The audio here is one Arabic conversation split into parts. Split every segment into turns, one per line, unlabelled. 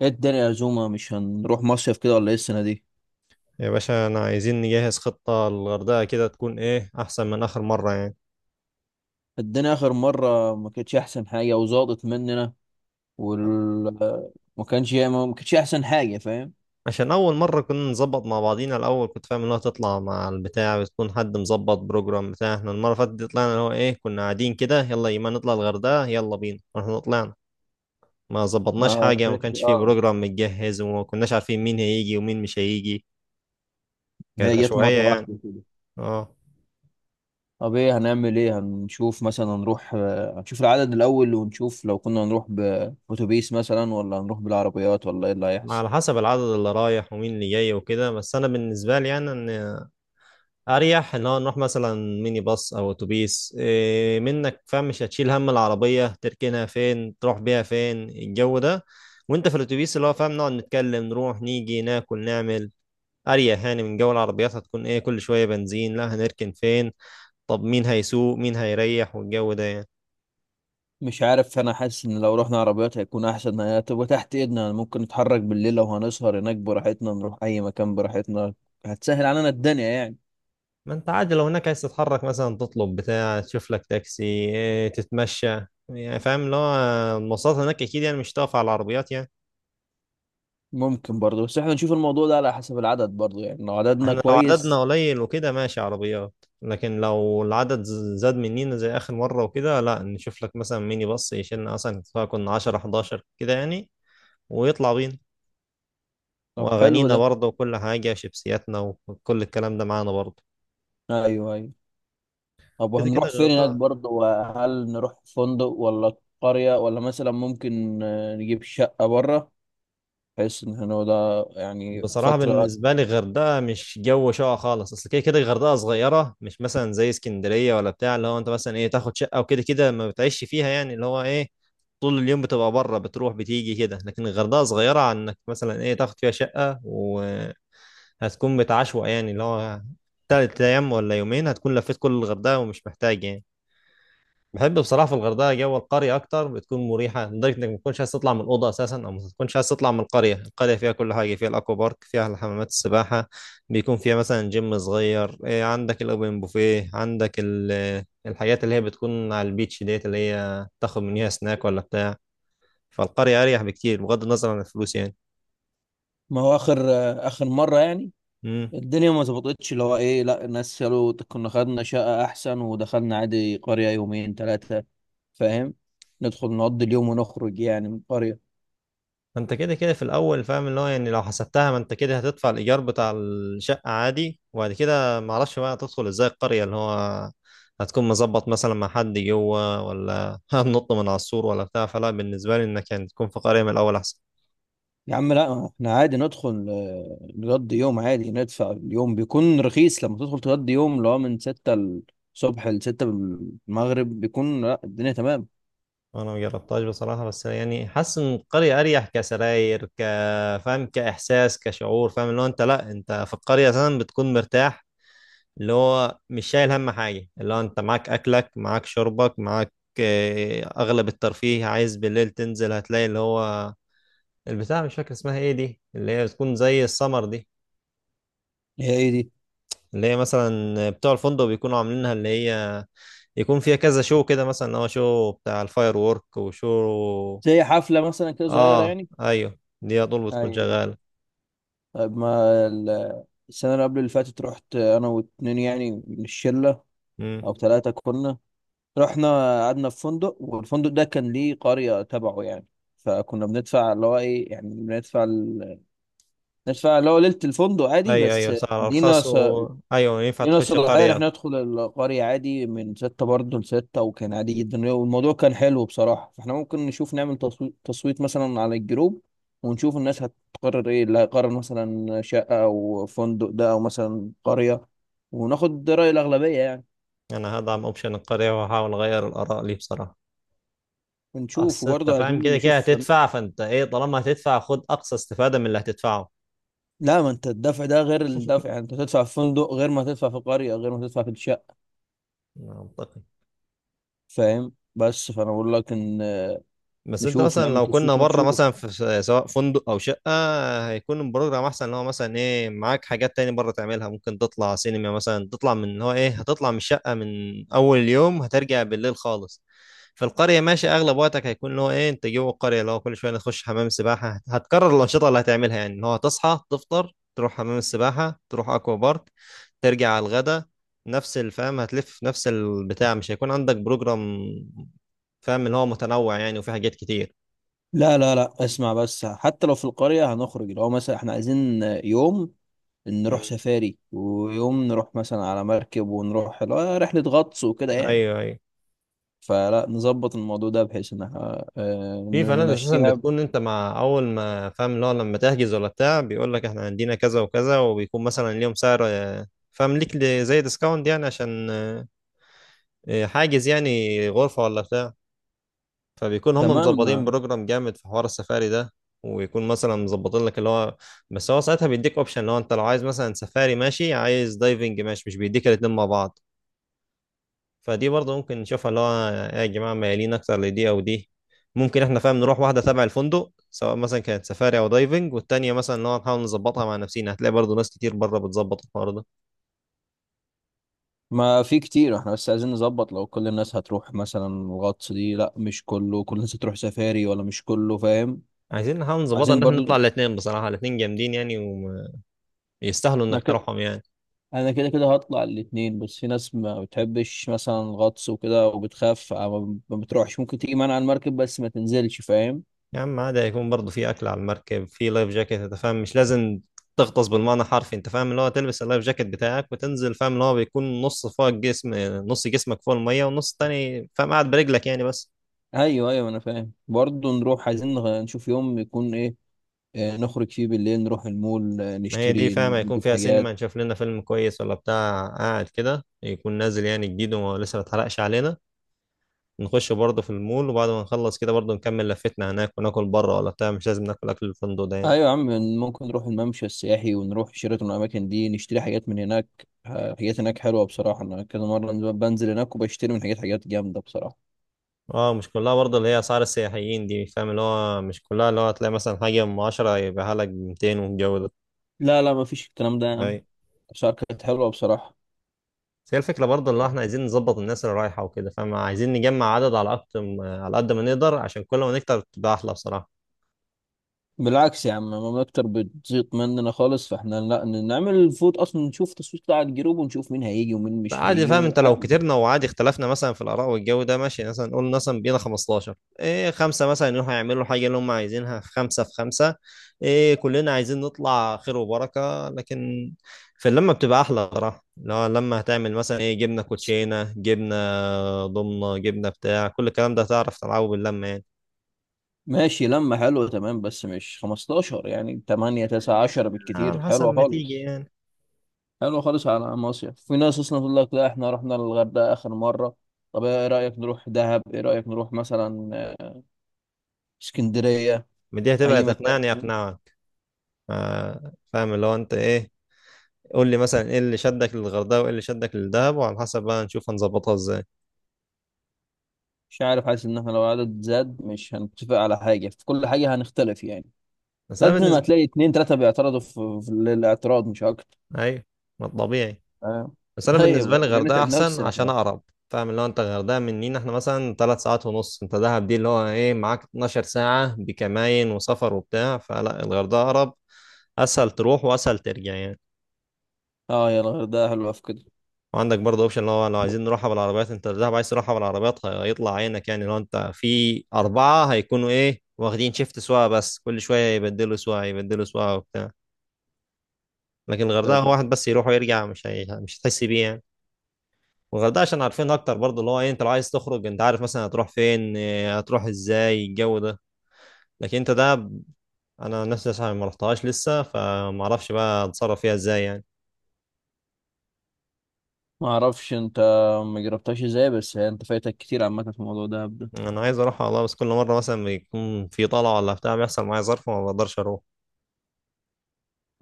ايه الدنيا يا زوما؟ مش هنروح مصيف كده ولا ايه السنة دي؟
يا باشا انا عايزين نجهز خطة للغردقة، كده تكون ايه احسن من اخر مرة يعني.
الدنيا آخر مرة ما كانتش أحسن حاجة وزادت مننا. وال ما كانتش أحسن حاجة، فاهم؟
عشان اول مرة كنا نظبط مع بعضينا الاول، كنت فاهم انها تطلع مع البتاع، بتكون حد مظبط بروجرام بتاع. احنا المرة اللي فاتت دي طلعنا اللي هو ايه، كنا قاعدين كده يلا يما نطلع الغردقة يلا بينا، واحنا طلعنا ما ظبطناش
ما
حاجة، ما
كانتش
كانش فيه بروجرام متجهز، وما كناش عارفين مين هيجي ومين مش هيجي. كانت
هي جت
عشوائية
مرة
يعني.
واحدة كده.
اه،
طب ايه هنعمل؟ ايه هنشوف؟ مثلا هنروح، هنشوف العدد الأول ونشوف لو كنا هنروح بأتوبيس مثلا ولا هنروح بالعربيات ولا ايه اللي هيحصل.
على حسب العدد اللي رايح ومين اللي جاي وكده. بس انا بالنسبة لي يعني ان اريح ان هو نروح مثلا ميني باص او اتوبيس إيه، منك فاهم، مش هتشيل هم العربيه تركنها فين، تروح بيها فين، الجو ده. وانت في الاتوبيس اللي هو فاهم نقعد نتكلم، نروح نيجي، ناكل نعمل، اريح يعني من جو العربيات. هتكون ايه كل شويه بنزين، لا، هنركن فين، طب مين هيسوق، مين هيريح، والجو ده يعني.
مش عارف، انا حاسس ان لو رحنا عربيات هيكون احسن، هي هتبقى تحت ايدنا، ممكن نتحرك بالليل لو هنسهر هناك براحتنا، نروح اي مكان براحتنا. هتسهل علينا الدنيا يعني.
ما انت عادي لو هناك عايز تتحرك مثلا تطلب بتاع تشوف لك تاكسي إيه، تتمشى يعني، فاهم اللي هو المواصلات هناك اكيد يعني، مش هتقف على العربيات يعني.
ممكن برضه، بس احنا نشوف الموضوع ده على حسب العدد برضه يعني، لو عددنا
احنا لو عددنا
كويس.
قليل وكده ماشي عربيات، لكن لو العدد زاد مننا زي آخر مرة وكده، لا، نشوف لك مثلا ميني باص يشيلنا، مثلا سواء كنا 10 11 كده يعني، ويطلع بينا،
طب حلو
وأغانينا
ده.
برضه وكل حاجة، شيبسياتنا وكل الكلام ده معانا برضه.
ايوه ايوه. طب
كده كده
وهنروح فين هناك
الغردقة.
برضه؟ وهل نروح فندق ولا قرية، ولا مثلا ممكن نجيب شقة بره، بحيث ان احنا ده يعني
بصراحة
فترة.
بالنسبة لي الغردقة مش جو شقة خالص، أصل كده كده الغردقة صغيرة، مش مثلا زي اسكندرية ولا بتاع، اللي هو أنت مثلا إيه تاخد شقة وكده كده ما بتعيش فيها يعني، اللي هو إيه طول اليوم بتبقى بره، بتروح بتيجي كده. لكن الغردقة صغيرة عن إنك مثلا إيه تاخد فيها شقة، وهتكون بتعشوق يعني اللي هو تلات أيام ولا يومين هتكون لفيت كل الغردقة، ومش محتاج يعني. بحب بصراحه في الغردقه جو القريه اكتر، بتكون مريحه لدرجه انك ما تكونش عايز تطلع من الاوضه اساسا، او ما تكونش عايز تطلع من القريه. القريه فيها كل حاجه، فيها الاكوا بارك، فيها الحمامات السباحه، بيكون فيها مثلا جيم صغير إيه، عندك الاوبن بوفيه، عندك الحاجات اللي هي بتكون على البيتش ديت، اللي هي تاخد منيها سناك ولا بتاع. فالقريه اريح بكتير بغض النظر عن الفلوس
ما هو اخر اخر مرة يعني
يعني.
الدنيا ما ظبطتش، اللي هو ايه، لا الناس قالوا كنا خدنا شقة احسن ودخلنا عادي قرية يومين ثلاثة، فاهم، ندخل نقضي اليوم ونخرج يعني من القرية.
ما انت كده كده في الاول فاهم اللي هو يعني، لو حسبتها ما انت كده هتدفع الايجار بتاع الشقه عادي، وبعد كده ما اعرفش بقى هتدخل ازاي القريه، اللي هو هتكون مظبط مثلا مع حد جوه، ولا هنط من على السور ولا بتاع. فلا بالنسبه لي انك يعني تكون في قريه من الاول احسن.
يا عم، لا احنا عادي ندخل نقضي يوم عادي، ندفع اليوم بيكون رخيص، لما تدخل تقضي يوم اللي هو من ستة الصبح لستة المغرب بيكون، لا، الدنيا تمام.
انا ما جربتهاش بصراحه، بس يعني حاسس ان القريه اريح، كسراير، ك فاهم، كاحساس، كشعور، فاهم اللي هو انت لا، انت في القريه مثلا بتكون مرتاح، اللي هو مش شايل هم حاجة، اللي هو انت معاك اكلك، معاك شربك، معاك. اغلب الترفيه عايز بالليل تنزل، هتلاقي اللي هو البتاع مش فاكر اسمها ايه دي، اللي هي بتكون زي السمر دي،
هي ايه دي؟
اللي هي مثلا بتوع الفندق بيكونوا عاملينها، اللي هي يكون فيها كذا شو كده، مثلا اللي هو شو بتاع الفاير وورك، وشو.
زي حفلة مثلا كده صغيرة
اه،
يعني؟
ايوه دي على طول بتكون
ايوه.
شغالة.
طيب، ما ال- السنة اللي قبل اللي فاتت رحت انا واتنين يعني من الشلة،
امم
او ثلاثة كنا، رحنا، قعدنا في فندق والفندق ده كان ليه قرية تبعه يعني، فكنا بندفع اللي هو ايه يعني، بندفع ندفع اللي هو ليلة الفندق عادي
ايوه
بس،
ايوه، سعر
لينا
ارخص
س...
و... ايوه ينفع
لينا
تخش
صلاحية ان
قرية.
احنا ندخل القرية عادي من ستة برضه لستة، وكان عادي جدا والموضوع كان حلو بصراحة. فاحنا ممكن نشوف نعمل تصويت مثلا على الجروب، ونشوف الناس هتقرر ايه، اللي هيقرر مثلا شقة او فندق ده او مثلا قرية، وناخد رأي الأغلبية يعني.
انا هدعم اوبشن القرية، وهحاول اغير الاراء لي بصراحة.
ونشوف،
اصل انت
وبرضه
فاهم
عايزين
كده كده
نشوف.
هتدفع، فانت ايه طالما هتدفع خد اقصى استفاده من اللي هتدفعه.
لا ما انت الدفع ده غير الدفع يعني، انت تدفع في فندق غير ما تدفع في قرية غير ما تدفع في الشقة،
منطقي.
فاهم؟ بس فانا بقول لك ان
بس انت
نشوف
مثلا
نعمل
لو كنا
تصويت
بره مثلا
ونشوف.
في سواء فندق او شقه، هيكون البروجرام احسن، اللي هو مثلا ايه معاك حاجات تاني بره تعملها، ممكن تطلع سينما مثلا، تطلع من اللي هو ايه، هتطلع من الشقه من اول يوم، هترجع بالليل خالص. في القرية ماشي، أغلب وقتك هيكون اللي هو إيه أنت جوه القرية، اللي هو كل شوية نخش حمام سباحة. هتكرر الأنشطة اللي هتعملها يعني، إن هو تصحى تفطر، تروح حمام السباحة، تروح أكوا بارك، ترجع على الغدا، نفس الفهم هتلف نفس البتاع، مش هيكون عندك بروجرام فاهم اللي هو متنوع يعني، وفي حاجات كتير.
لا لا لا، اسمع بس، حتى لو في القرية هنخرج، لو مثلا احنا عايزين يوم نروح
مم.
سفاري ويوم نروح مثلا على مركب ونروح، لا، رحلة غطس وكده يعني.
أيوه أيوه.
فلا نظبط الموضوع ده بحيث ان احنا
في فنادق أساسا
نمشيها.
بتكون أنت مع أول ما فاهم اللي هو لما تحجز ولا بتاع، بيقول لك إحنا عندنا كذا وكذا، وبيكون مثلا ليهم سعر آه، فاهم ليك زي ديسكاونت يعني، عشان إيه، حاجز يعني غرفة ولا بتاع. فبيكون هم مظبطين
تمام.
بروجرام جامد في حوار السفاري ده، ويكون مثلا مظبطين لك اللي هو، بس هو ساعتها بيديك اوبشن اللي هو انت لو عايز مثلا سفاري ماشي، عايز دايفنج ماشي، مش بيديك الاتنين مع بعض. فدي برضه ممكن نشوفها اللي هو، يا جماعة ميالين اكتر لدي او دي. ممكن احنا فاهم نروح واحدة تبع الفندق سواء مثلا كانت سفاري او دايفنج، والتانية مثلا اللي هو نحاول نظبطها مع نفسينا، هتلاقي برضه ناس كتير بره بتظبط الحوار ده.
ما في كتير، احنا بس عايزين نظبط لو كل الناس هتروح مثلا الغطس دي، لا مش كله، كل الناس هتروح سفاري ولا مش كله، فاهم؟
عايزين نحاول نظبطها
عايزين
ان احنا نطلع
برضو.
الاتنين، بصراحة الاتنين جامدين يعني، ويستاهلوا
ما
انك
كده.
تروحهم يعني.
انا كده كده هطلع الاتنين، بس في ناس ما بتحبش مثلا الغطس وكده وبتخاف، ما بتروحش، ممكن تيجي معانا على المركب بس ما تنزلش، فاهم؟
يا عم عادي يكون برضه في اكل على المركب، في لايف جاكيت، انت فاهم مش لازم تغطس بالمعنى حرفي، انت فاهم اللي هو تلبس اللايف جاكيت بتاعك وتنزل، فاهم اللي هو بيكون نص فوق الجسم، نص جسمك فوق الميه والنص التاني فاهم قاعد برجلك يعني بس.
ايوه ايوه انا فاهم. برضو نروح، عايزين نشوف يوم يكون ايه، نخرج فيه بالليل نروح المول،
ما هي دي
نشتري
فاهم هيكون
نجيب
فيها سينما،
حاجات.
نشوف لنا فيلم كويس ولا بتاع قاعد كده، يكون نازل يعني جديد ولسه ما اتحرقش علينا، نخش برضه في المول، وبعد ما نخلص كده برضه نكمل لفتنا هناك، وناكل بره ولا بتاع، مش لازم ناكل اكل الفندق ده يعني.
ايوه يا عم. ممكن نروح الممشى السياحي ونروح شيراتون والاماكن دي، نشتري حاجات من هناك. حاجات هناك حلوه بصراحه، انا كذا مره بنزل هناك وبشتري من حاجات، حاجات جامده بصراحه.
اه مش كلها برضه اللي هي اسعار السياحيين دي، فاهم اللي هو مش كلها، اللي هو هتلاقي مثلا حاجه ام 10 يبقى لك ب 200 والجو ده.
لا لا، ما فيش الكلام ده يا عم،
اي،
الأسعار كانت حلوه بصراحه.
بس هي الفكره برضه اللي هو احنا عايزين نظبط الناس اللي رايحه وكده، فاهم عايزين نجمع عدد على اكتر على قد ما نقدر، عشان كل ما نكتر تبقى احلى بصراحه.
بالعكس يا عم، ما اكتر بتزيط مننا خالص، فاحنا لا نعمل فوت اصلا، نشوف تصويت بتاع الجروب ونشوف مين هيجي ومين مش
عادي
هيجي،
فاهم، انت لو
وعادي.
كترنا وعادي اختلفنا مثلا في الاراء والجو ده ماشي، مثلا نقول مثلا بينا 15، ايه، خمسه مثلا يروحوا يعملوا الحاجه اللي هم عايزينها، في خمسه في خمسه، ايه كلنا عايزين نطلع خير وبركه، لكن في اللمه بتبقى احلى صراحه، لو لما هتعمل مثلا ايه جبنه كوتشينه، جبنه ضمنه، جبنه بتاع، كل الكلام ده هتعرف تلعبه باللمه يعني.
ماشي، لما حلوه تمام، بس مش 15 يعني، 8 9 10 بالكتير
على حسب
حلوه
ما تيجي
خالص.
يعني.
حلو خالص. على مصيف، في ناس اصلا تقول لك لا احنا رحنا الغردقه اخر مره. طب ايه رايك نروح دهب؟ ايه رايك نروح مثلا اسكندريه؟
ما دي هتبقى
اي مكان.
تقنعني اقنعك، ف- فاهم اللي هو انت ايه، قول لي مثلا ايه اللي شدك للغردقه وايه اللي شدك للدهب، وعلى حسب بقى نشوف هنظبطها ازاي.
مش عارف، حاسس ان احنا لو عدد زاد مش هنتفق على حاجه، في كل حاجه هنختلف يعني،
بس انا
لازم
بالنسبه،
هتلاقي اتنين تلاته بيعترضوا في الاعتراض مش اكتر،
ايوه، ما طبيعي.
فاهم؟
بس انا
طيب،
بالنسبه لي
ابو
الغردقه
نتعب
احسن
نفسنا
عشان
احنا.
اقرب، فاهم اللي هو انت الغردقه مننا احنا مثلا ثلاث ساعات ونص، انت دهب دي اللي هو ايه معاك 12 ساعه بكماين وسفر وبتاع، فلا الغردقه اقرب، اسهل تروح واسهل ترجع يعني.
اه، يا الغردقه حلوه في كده.
وعندك برضه اوبشن اللي هو لو عايزين نروحها بالعربيات، انت دهب عايز تروحها بالعربيات هيطلع عينك يعني، لو انت في اربعه هيكونوا ايه واخدين شيفت سواقه، بس كل شويه يبدلوا سواقه يبدلوا سواقه وبتاع. لكن الغردقه
طيب،
هو واحد بس يروح ويرجع، مش هي... مش هتحس بيه يعني. والغردقه عشان عارفين اكتر برضه، اللي هو ايه انت لو عايز تخرج انت عارف مثلا هتروح فين إيه، هتروح ازاي، الجو ده. لكن انت ده انا نفسي عشان ما رحتهاش لسه، فما اعرفش بقى اتصرف فيها ازاي يعني.
ما اعرفش انت ما جربتهاش ازاي، بس انت فايتك كتير عامه في موضوع دهب ده.
انا عايز اروح والله، بس كل مره مثلا بيكون في طلعه ولا بتاع بيحصل معايا ظرف وما بقدرش اروح.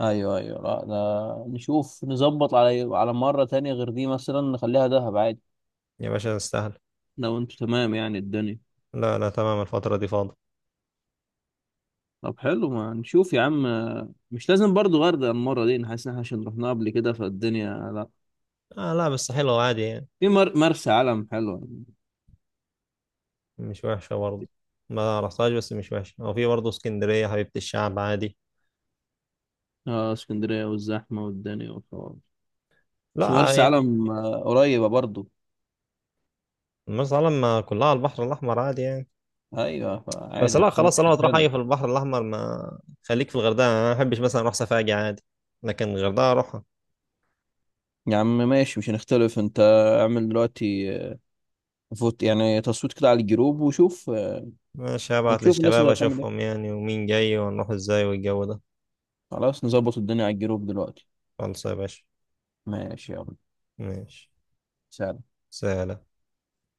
ايوه ايوه، لا ده نشوف نظبط على مرة تانية غير دي، مثلا نخليها دهب عادي،
يا باشا استاهل.
لو انتوا تمام يعني الدنيا.
لا لا تمام الفتره دي فاضي.
طب حلو، ما نشوف يا عم. مش لازم برضو غردقة المرة دي، أنا حاسس ان احنا عشان رحناها قبل كده فالدنيا لا.
آه لا بس حلوه عادي يعني.
مرسى علم حلوة يعني.
مش وحشه برضه، ما رحتهاش بس مش وحشه، وفي برضه اسكندريه حبيبه الشعب عادي.
اه اسكندرية والزحمة والدنيا والحوار. بس
لا
مرسى
يعني.
علم قريبة برضو.
مرسى علم ما كلها على البحر الاحمر عادي يعني.
ايوه،
بس
فعادي
لا
هتكون
خلاص، طالما
اوبشن
تروح حاجه
حلو.
في البحر الاحمر ما خليك في الغردقه، انا ما بحبش مثلا اروح سفاجة عادي، لكن الغردقه اروحها.
يا عم ماشي، مش هنختلف انت. اعمل دلوقتي فوت يعني، تصويت كده على الجروب وشوف
ماشي، هبعت
ونشوف الناس
للشباب
اللي هتعمل.
اشوفهم يعني، ومين جاي ونروح ازاي والجو ده.
خلاص، نظبط الدنيا على الجروب دلوقتي.
خلاص يا باشا.
ماشي، يلا.
ماشي.
سلام.
سلام.